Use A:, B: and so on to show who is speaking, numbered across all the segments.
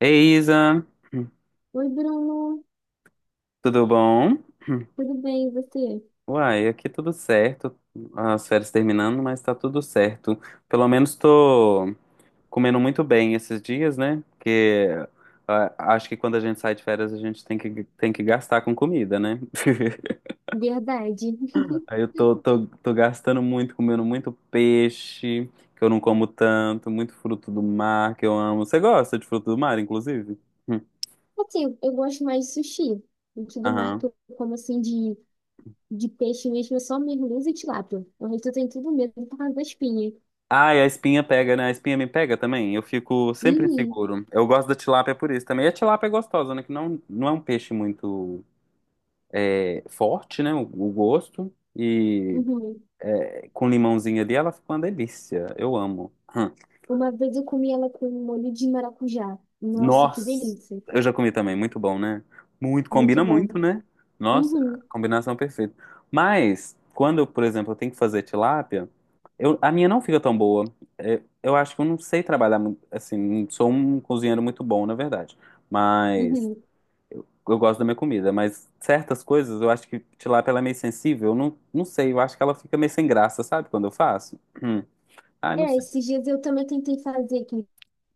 A: Ei, Isa,
B: Oi, Bruno.
A: tudo bom?
B: Tudo bem, e você?
A: Uai, aqui tudo certo. As férias terminando, mas tá tudo certo. Pelo menos tô comendo muito bem esses dias, né? Porque acho que quando a gente sai de férias, a gente tem que gastar com comida, né?
B: Verdade.
A: Aí eu tô gastando muito, comendo muito peixe, que eu não como tanto, muito fruto do mar, que eu amo. Você gosta de fruto do mar, inclusive? Hum.
B: Assim, eu gosto mais de sushi. O que do mar
A: Aham.
B: que eu como assim de peixe mesmo é só merluza e tilápia. O resto eu tenho tudo medo por causa da espinha.
A: Ai, a espinha pega, né? A espinha me pega também. Eu fico sempre
B: Uhum.
A: inseguro. Eu gosto da tilápia por isso também. E a tilápia é gostosa, né? Que não é um peixe muito forte, né? O gosto. E
B: uhum.
A: com limãozinho ali, ela fica uma delícia. Eu amo. Hum.
B: Uma vez eu comi ela com molho de maracujá. Nossa, que
A: Nossa,
B: delícia.
A: eu já comi também, muito bom, né? Muito,
B: Muito
A: combina
B: bom.
A: muito, né? Nossa,
B: Uhum,
A: combinação perfeita. Mas, quando, eu, por exemplo, eu tenho que fazer tilápia, eu, a minha não fica tão boa. Eu acho que eu não sei trabalhar, muito, assim, não sou um cozinheiro muito bom, na verdade. Mas,
B: uhum.
A: eu gosto da minha comida. Mas, certas coisas, eu acho que tilápia ela é meio sensível. Eu não sei, eu acho que ela fica meio sem graça, sabe? Quando eu faço. Hum. Ai, não
B: É,
A: sei.
B: esses dias eu também tentei fazer aqui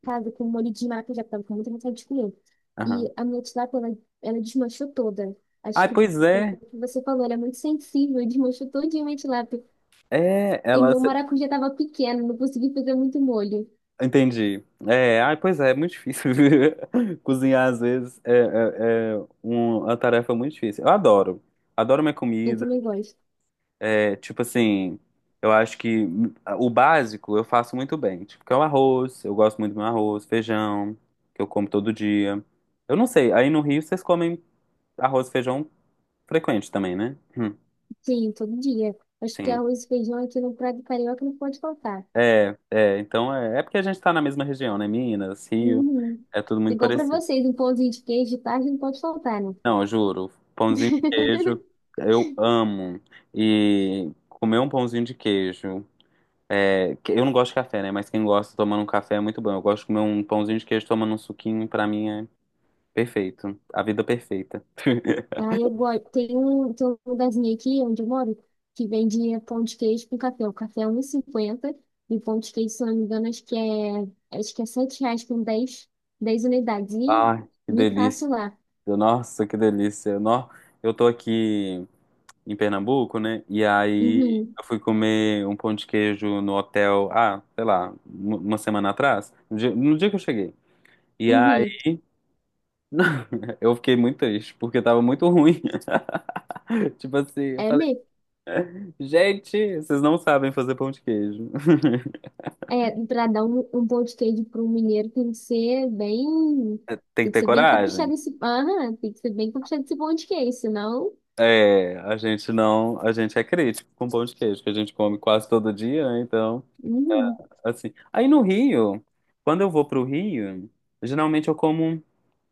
B: casa com molho de maracujá, que tava com muita vontade de comer.
A: Aham.
B: E a minha tilápia, ela desmanchou toda. Acho
A: Ai,
B: que
A: pois
B: foi
A: é.
B: o que você falou, ela é muito sensível, desmanchou todinha a minha tilápia.
A: É,
B: E
A: ela.
B: meu maracujá tava pequeno, não consegui fazer muito molho.
A: Entendi. É, ai, pois é, é muito difícil. Cozinhar, às vezes, é uma tarefa muito difícil. Eu adoro. Adoro minha
B: Eu
A: comida.
B: também gosto.
A: É, tipo assim, eu acho que o básico eu faço muito bem. Tipo, que é o arroz, eu gosto muito do meu arroz, feijão, que eu como todo dia. Eu não sei, aí no Rio vocês comem arroz e feijão frequente também, né?
B: Sim, todo dia. Acho que
A: Sim.
B: arroz e feijão aqui no prato carioca não pode faltar.
A: Então é porque a gente tá na mesma região, né? Minas, Rio,
B: Uhum.
A: é tudo muito
B: Igual pra
A: parecido.
B: vocês, um pãozinho de queijo de tarde não pode faltar, né?
A: Não, eu juro. Pãozinho de queijo, eu amo. E comer um pãozinho de queijo. Eu não gosto de café, né? Mas quem gosta tomando um café é muito bom. Eu gosto de comer um pãozinho de queijo tomando um suquinho, pra mim é perfeito. A vida perfeita.
B: Aí eu gosto. Tem tem um lugarzinho aqui onde eu moro que vende pão de queijo com café. O café é 1,50 e cinquenta e o pão de queijo, se eu não me engano, acho que é R$ 7 com 10 10 unidades. E
A: Ai, que
B: me faço
A: delícia.
B: lá.
A: Nossa, que delícia. Nó, eu tô aqui em Pernambuco, né? E aí
B: Uhum.
A: eu fui comer um pão de queijo no hotel, ah, sei lá, uma semana atrás, no dia que eu cheguei. E
B: uhum.
A: não, eu fiquei muito triste, porque tava muito ruim. Tipo assim, eu
B: É
A: falei,
B: mesmo.
A: gente, vocês não sabem fazer pão de queijo.
B: É, pra dar um pão de queijo para um mineiro tem que ser bem.
A: Tem que
B: Tem que
A: ter
B: ser bem
A: coragem.
B: caprichado esse. Aham, tem que ser bem caprichado esse pão de queijo, senão.
A: É, a gente não, a gente é crítico com pão de queijo, que a gente come quase todo dia, né? Então,
B: Uhum,
A: assim. Aí no Rio, quando eu vou pro Rio, geralmente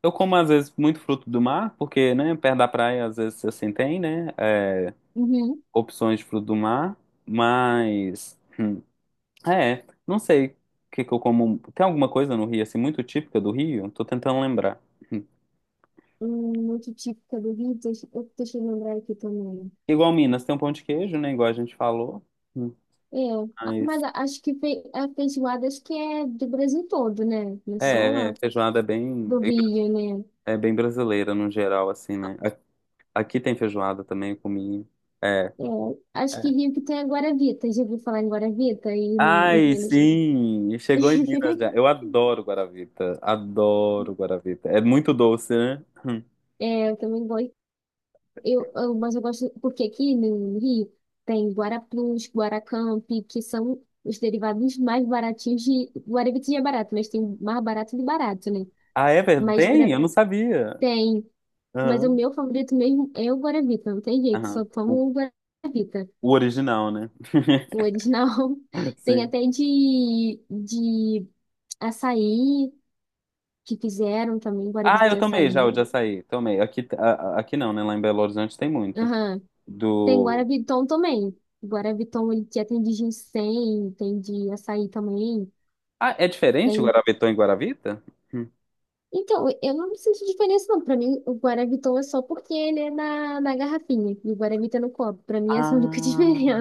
A: eu como às vezes muito fruto do mar, porque, né, perto da praia às vezes assim tem, né,
B: uhum.
A: opções de fruto do mar, mas é, não sei o que que eu como. Tem alguma coisa no Rio, assim, muito típica do Rio? Tô tentando lembrar. Hum.
B: Um outro típico do Rio, deixa eu lembrar aqui também.
A: Igual Minas, tem um pão de queijo, né? Igual a gente falou. Hum.
B: Eu, a- mas
A: Mas,
B: a- acho que a feijoada acho que é do Brasil todo, né? Não é só
A: feijoada é
B: do Rio, né?
A: é bem brasileira no geral, assim, né? A- Aqui tem feijoada também, eu comi. É,
B: É, acho que
A: é.
B: Rio que tem a Guaravita. Já ouviu falar em Guaravita aí no, em
A: Ai,
B: Minas?
A: sim! Chegou em Minas já. Eu adoro guaravita. Adoro guaravita. É muito doce, né? Hum.
B: É, eu também gosto. Mas eu gosto porque aqui no Rio tem Guaraplus, Guaracamp, que são os derivados mais baratinhos de Guaravita já é barato, mas tem o mais barato de barato, né?
A: Ah, é verdade?
B: Mas
A: Tem?
B: pra,
A: Eu não sabia.
B: tem Mas o
A: Aham.
B: meu favorito mesmo é o Guaravita, não tem jeito,
A: Aham.
B: só
A: O,
B: tomo o Guaravita.
A: o original, né?
B: O original tem
A: Sim.
B: até de açaí, que fizeram também, Guaravita
A: Ah, eu
B: de
A: tomei já o
B: açaí.
A: de açaí. Tomei. Aqui, aqui não, né? Lá em Belo Horizonte tem muito.
B: Aham. Tem
A: Do.
B: Guaraviton também. Guaraviton ele já tem de ginseng, tem de açaí também.
A: Ah, é diferente o
B: Tem... um,
A: Guaravetô e Guaravita? Hum.
B: Então, eu não sinto diferença não. Pra mim, o Guaraviton é só porque ele é na garrafinha e o Guaravita é no copo. Pra mim,
A: Ah,
B: essa é a única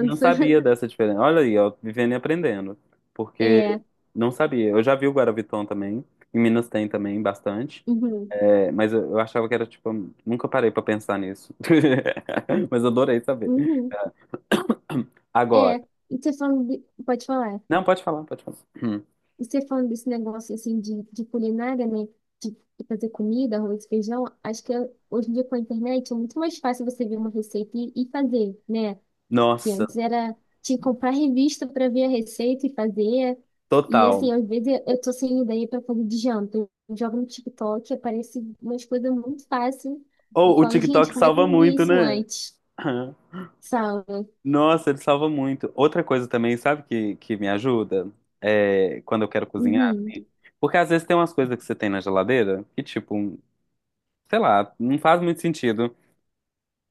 A: não sabia dessa diferença. Olha aí, ó, vivendo e aprendendo. Porque
B: É.
A: não sabia. Eu já vi o Guaraviton também. Em Minas tem também bastante.
B: Uhum.
A: É, mas eu achava que era tipo. Nunca parei pra pensar nisso. Mas adorei saber.
B: Uhum. É,
A: Agora.
B: pode falar.
A: Não, pode falar, pode falar. Hum.
B: E você falando desse negócio assim de culinária, né? De fazer comida, arroz, feijão, acho que hoje em dia com a internet é muito mais fácil você ver uma receita e fazer, né? Que
A: Nossa,
B: antes era tinha que comprar revista para ver a receita e fazer. E assim,
A: total.
B: às vezes eu tô sem ideia para fazer de janta. Eu jogo no TikTok, aparece umas coisas muito fáceis. Eu
A: Ou o
B: falo, gente,
A: TikTok
B: como é que eu
A: salva
B: não vi
A: muito,
B: isso
A: né?
B: antes?
A: Aham.
B: Sabe?
A: Nossa, ele salva muito. Outra coisa também, sabe que me ajuda? É quando eu quero cozinhar,
B: Uhum.
A: assim. Porque às vezes tem umas coisas que você tem na geladeira que, tipo, sei lá, não faz muito sentido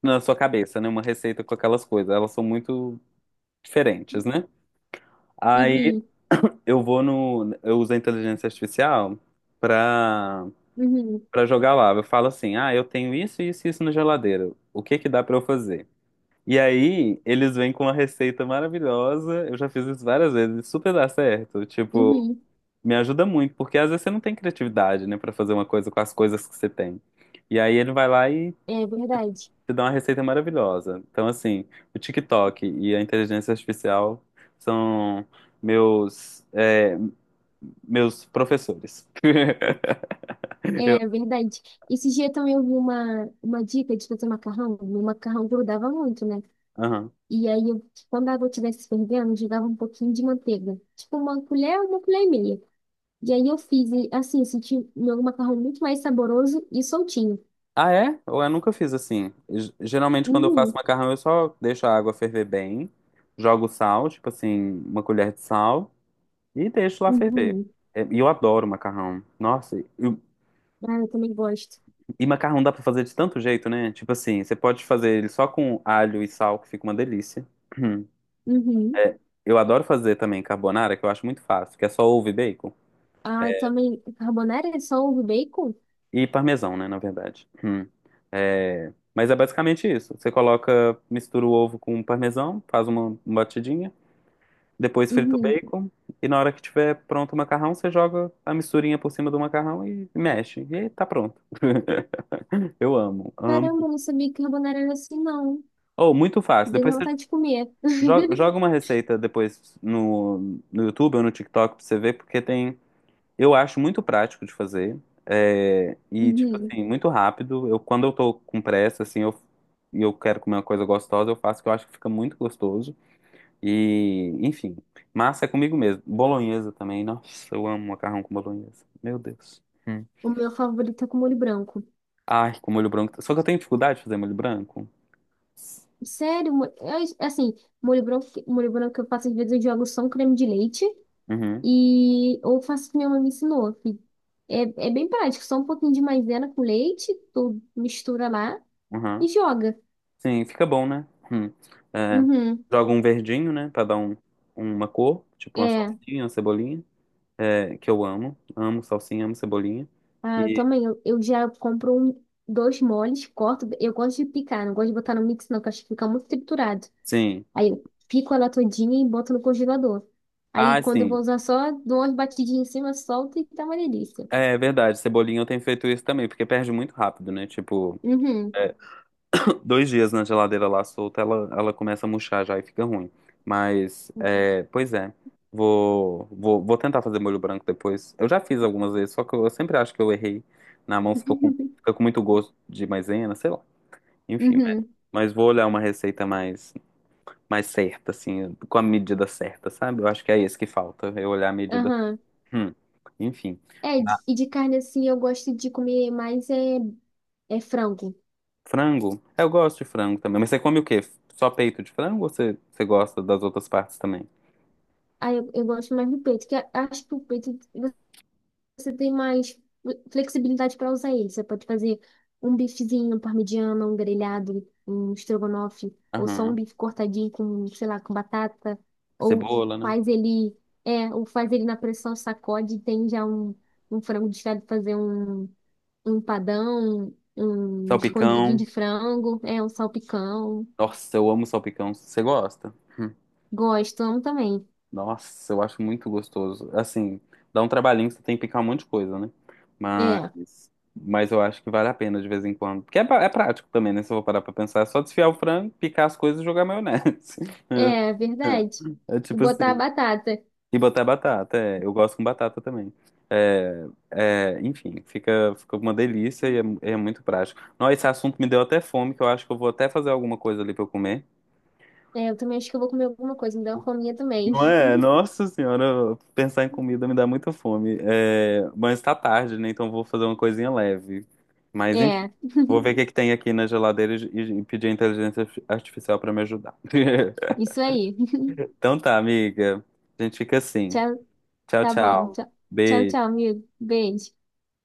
A: na sua cabeça, né? Uma receita com aquelas coisas. Elas são muito diferentes, né? Aí
B: uhum,
A: eu vou no. Eu uso a inteligência artificial pra,
B: uhum,
A: pra jogar lá. Eu falo assim: ah, eu tenho isso, isso e isso na geladeira. O que que dá pra eu fazer? E aí, eles vêm com uma receita maravilhosa. Eu já fiz isso várias vezes, e super dá certo. Tipo,
B: uhum.
A: me ajuda muito, porque às vezes você não tem criatividade, né, pra fazer uma coisa com as coisas que você tem. E aí ele vai lá e
B: É verdade.
A: te dá uma receita maravilhosa. Então, assim, o TikTok e a inteligência artificial são meus é, meus professores. Eu,
B: É verdade. Esse dia também eu vi uma dica de fazer macarrão. Meu macarrão grudava muito, né?
A: aham.
B: E aí, eu, quando a água estivesse fervendo, eu jogava um pouquinho de manteiga. Tipo, uma colher e meia. E aí eu fiz, e, assim, eu senti meu macarrão muito mais saboroso e soltinho.
A: Ah, é? Ou eu nunca fiz assim. G- Geralmente, quando eu faço
B: Uhum,
A: macarrão, eu só deixo a água ferver bem, jogo sal, tipo assim, uma colher de sal, e deixo lá ferver.
B: uhum.
A: É, e eu adoro macarrão.
B: Ah, eu também gosto.
A: E macarrão dá pra fazer de tanto jeito, né? Tipo assim, você pode fazer ele só com alho e sal, que fica uma delícia.
B: Uhum.
A: É, eu adoro fazer também carbonara, que eu acho muito fácil, que é só ovo e bacon.
B: Ah, eu também, carbonara é só ovo e bacon?
A: E parmesão, né, na verdade. Hum. É, mas é basicamente isso. Você coloca, mistura o ovo com parmesão, faz uma batidinha, depois frita o
B: Uhum.
A: bacon, e na hora que tiver pronto o macarrão, você joga a misturinha por cima do macarrão e mexe. E aí tá pronto. Eu amo, amo.
B: Caramba, eu não sabia que carbonara era assim, não.
A: Oh, muito fácil.
B: Deu
A: Depois você
B: vontade de comer.
A: joga uma receita depois no YouTube ou no TikTok pra você ver, porque tem. Eu acho muito prático de fazer. E, tipo
B: Uhum.
A: assim, muito rápido. Eu, quando eu tô com pressa, assim, e eu quero comer uma coisa gostosa, eu faço que eu acho que fica muito gostoso. E, enfim, massa é comigo mesmo. Bolonhesa também. Nossa, eu amo macarrão com bolonhesa. Meu Deus. Hum.
B: O meu favorito é com molho branco.
A: Ai, com molho branco. Só que eu tenho dificuldade de fazer molho branco.
B: Sério, é assim, molho branco que eu faço, às vezes eu jogo só um creme de leite
A: Uhum,
B: e ou faço o que minha mãe me ensinou. Que É, é bem prático, só um pouquinho de maisena com leite, tu mistura lá e
A: uhum.
B: joga.
A: Sim, fica bom, né? Hum. É,
B: Uhum.
A: joga um verdinho, né? Pra dar um, uma cor, tipo uma
B: É,
A: salsinha, uma cebolinha. Que eu amo. Amo salsinha, amo cebolinha.
B: ah, eu
A: E
B: também, eu já compro um, dois moles, corto, eu gosto de picar, não gosto de botar no mix não, que eu acho que fica muito triturado.
A: sim.
B: Aí eu pico ela todinha e boto no congelador. Aí
A: Ah,
B: quando eu vou
A: sim.
B: usar só, dou umas batidinhas em cima, solto e tá uma delícia.
A: É verdade, cebolinha eu tenho feito isso também, porque perde muito rápido, né? Tipo,
B: Uhum.
A: dois dias na geladeira lá solta, ela começa a murchar já e fica ruim. Mas, é, pois é, vou tentar fazer molho branco depois. Eu já fiz algumas vezes, só que eu sempre acho que eu errei. Na mão ficou com, fica com muito gosto de maisena, sei lá. Enfim,
B: Uhum.
A: mas vou olhar uma receita mais. Mais certa, assim, com a medida certa, sabe? Eu acho que é isso que falta, eu olhar a medida.
B: Aham.
A: Hum, Enfim.
B: É,
A: Ah,
B: e de carne assim, eu gosto de comer mais é frango.
A: frango? Eu gosto de frango também. Mas você come o quê? Só peito de frango ou você gosta das outras partes também?
B: Eu gosto mais do peito, acho que o peito você tem mais flexibilidade para usar ele. Você pode fazer um bifezinho, um parmegiana, um grelhado, um estrogonofe, ou só um
A: Aham.
B: bife cortadinho com, sei lá, com batata, ou
A: Cebola, né?
B: faz ou faz ele na pressão, sacode e tem já um frango desfiado, fazer um empadão, um escondidinho
A: Salpicão.
B: de frango, é, um salpicão.
A: Nossa, eu amo salpicão. Você gosta? Hum.
B: Gosto, amo também.
A: Nossa, eu acho muito gostoso. Assim, dá um trabalhinho, você tem que picar um monte de coisa, né?
B: É,
A: Mas eu acho que vale a pena de vez em quando. Porque é prático também, né? Se eu vou parar pra pensar, é só desfiar o frango, picar as coisas e jogar maionese.
B: é verdade.
A: É
B: E
A: tipo
B: botar a
A: assim.
B: batata.
A: E botar batata, é. Eu gosto com batata também. Enfim, fica uma delícia e é muito prático. Não, esse assunto me deu até fome, que eu acho que eu vou até fazer alguma coisa ali pra eu comer.
B: É, eu também acho que eu vou comer alguma coisa, me deu uma fominha também.
A: Não é? Nossa senhora, pensar em comida me dá muita fome. É, mas tá tarde, né? Então vou fazer uma coisinha leve. Mas enfim,
B: É.
A: vou ver o que é que tem aqui na geladeira e pedir a inteligência artificial pra me ajudar.
B: Isso aí.
A: Então tá, amiga. A gente fica assim.
B: Tchau,
A: Tchau,
B: tá bom.
A: tchau.
B: Tchau, tchau, tchau,
A: Beijo.
B: amigo. Beijo.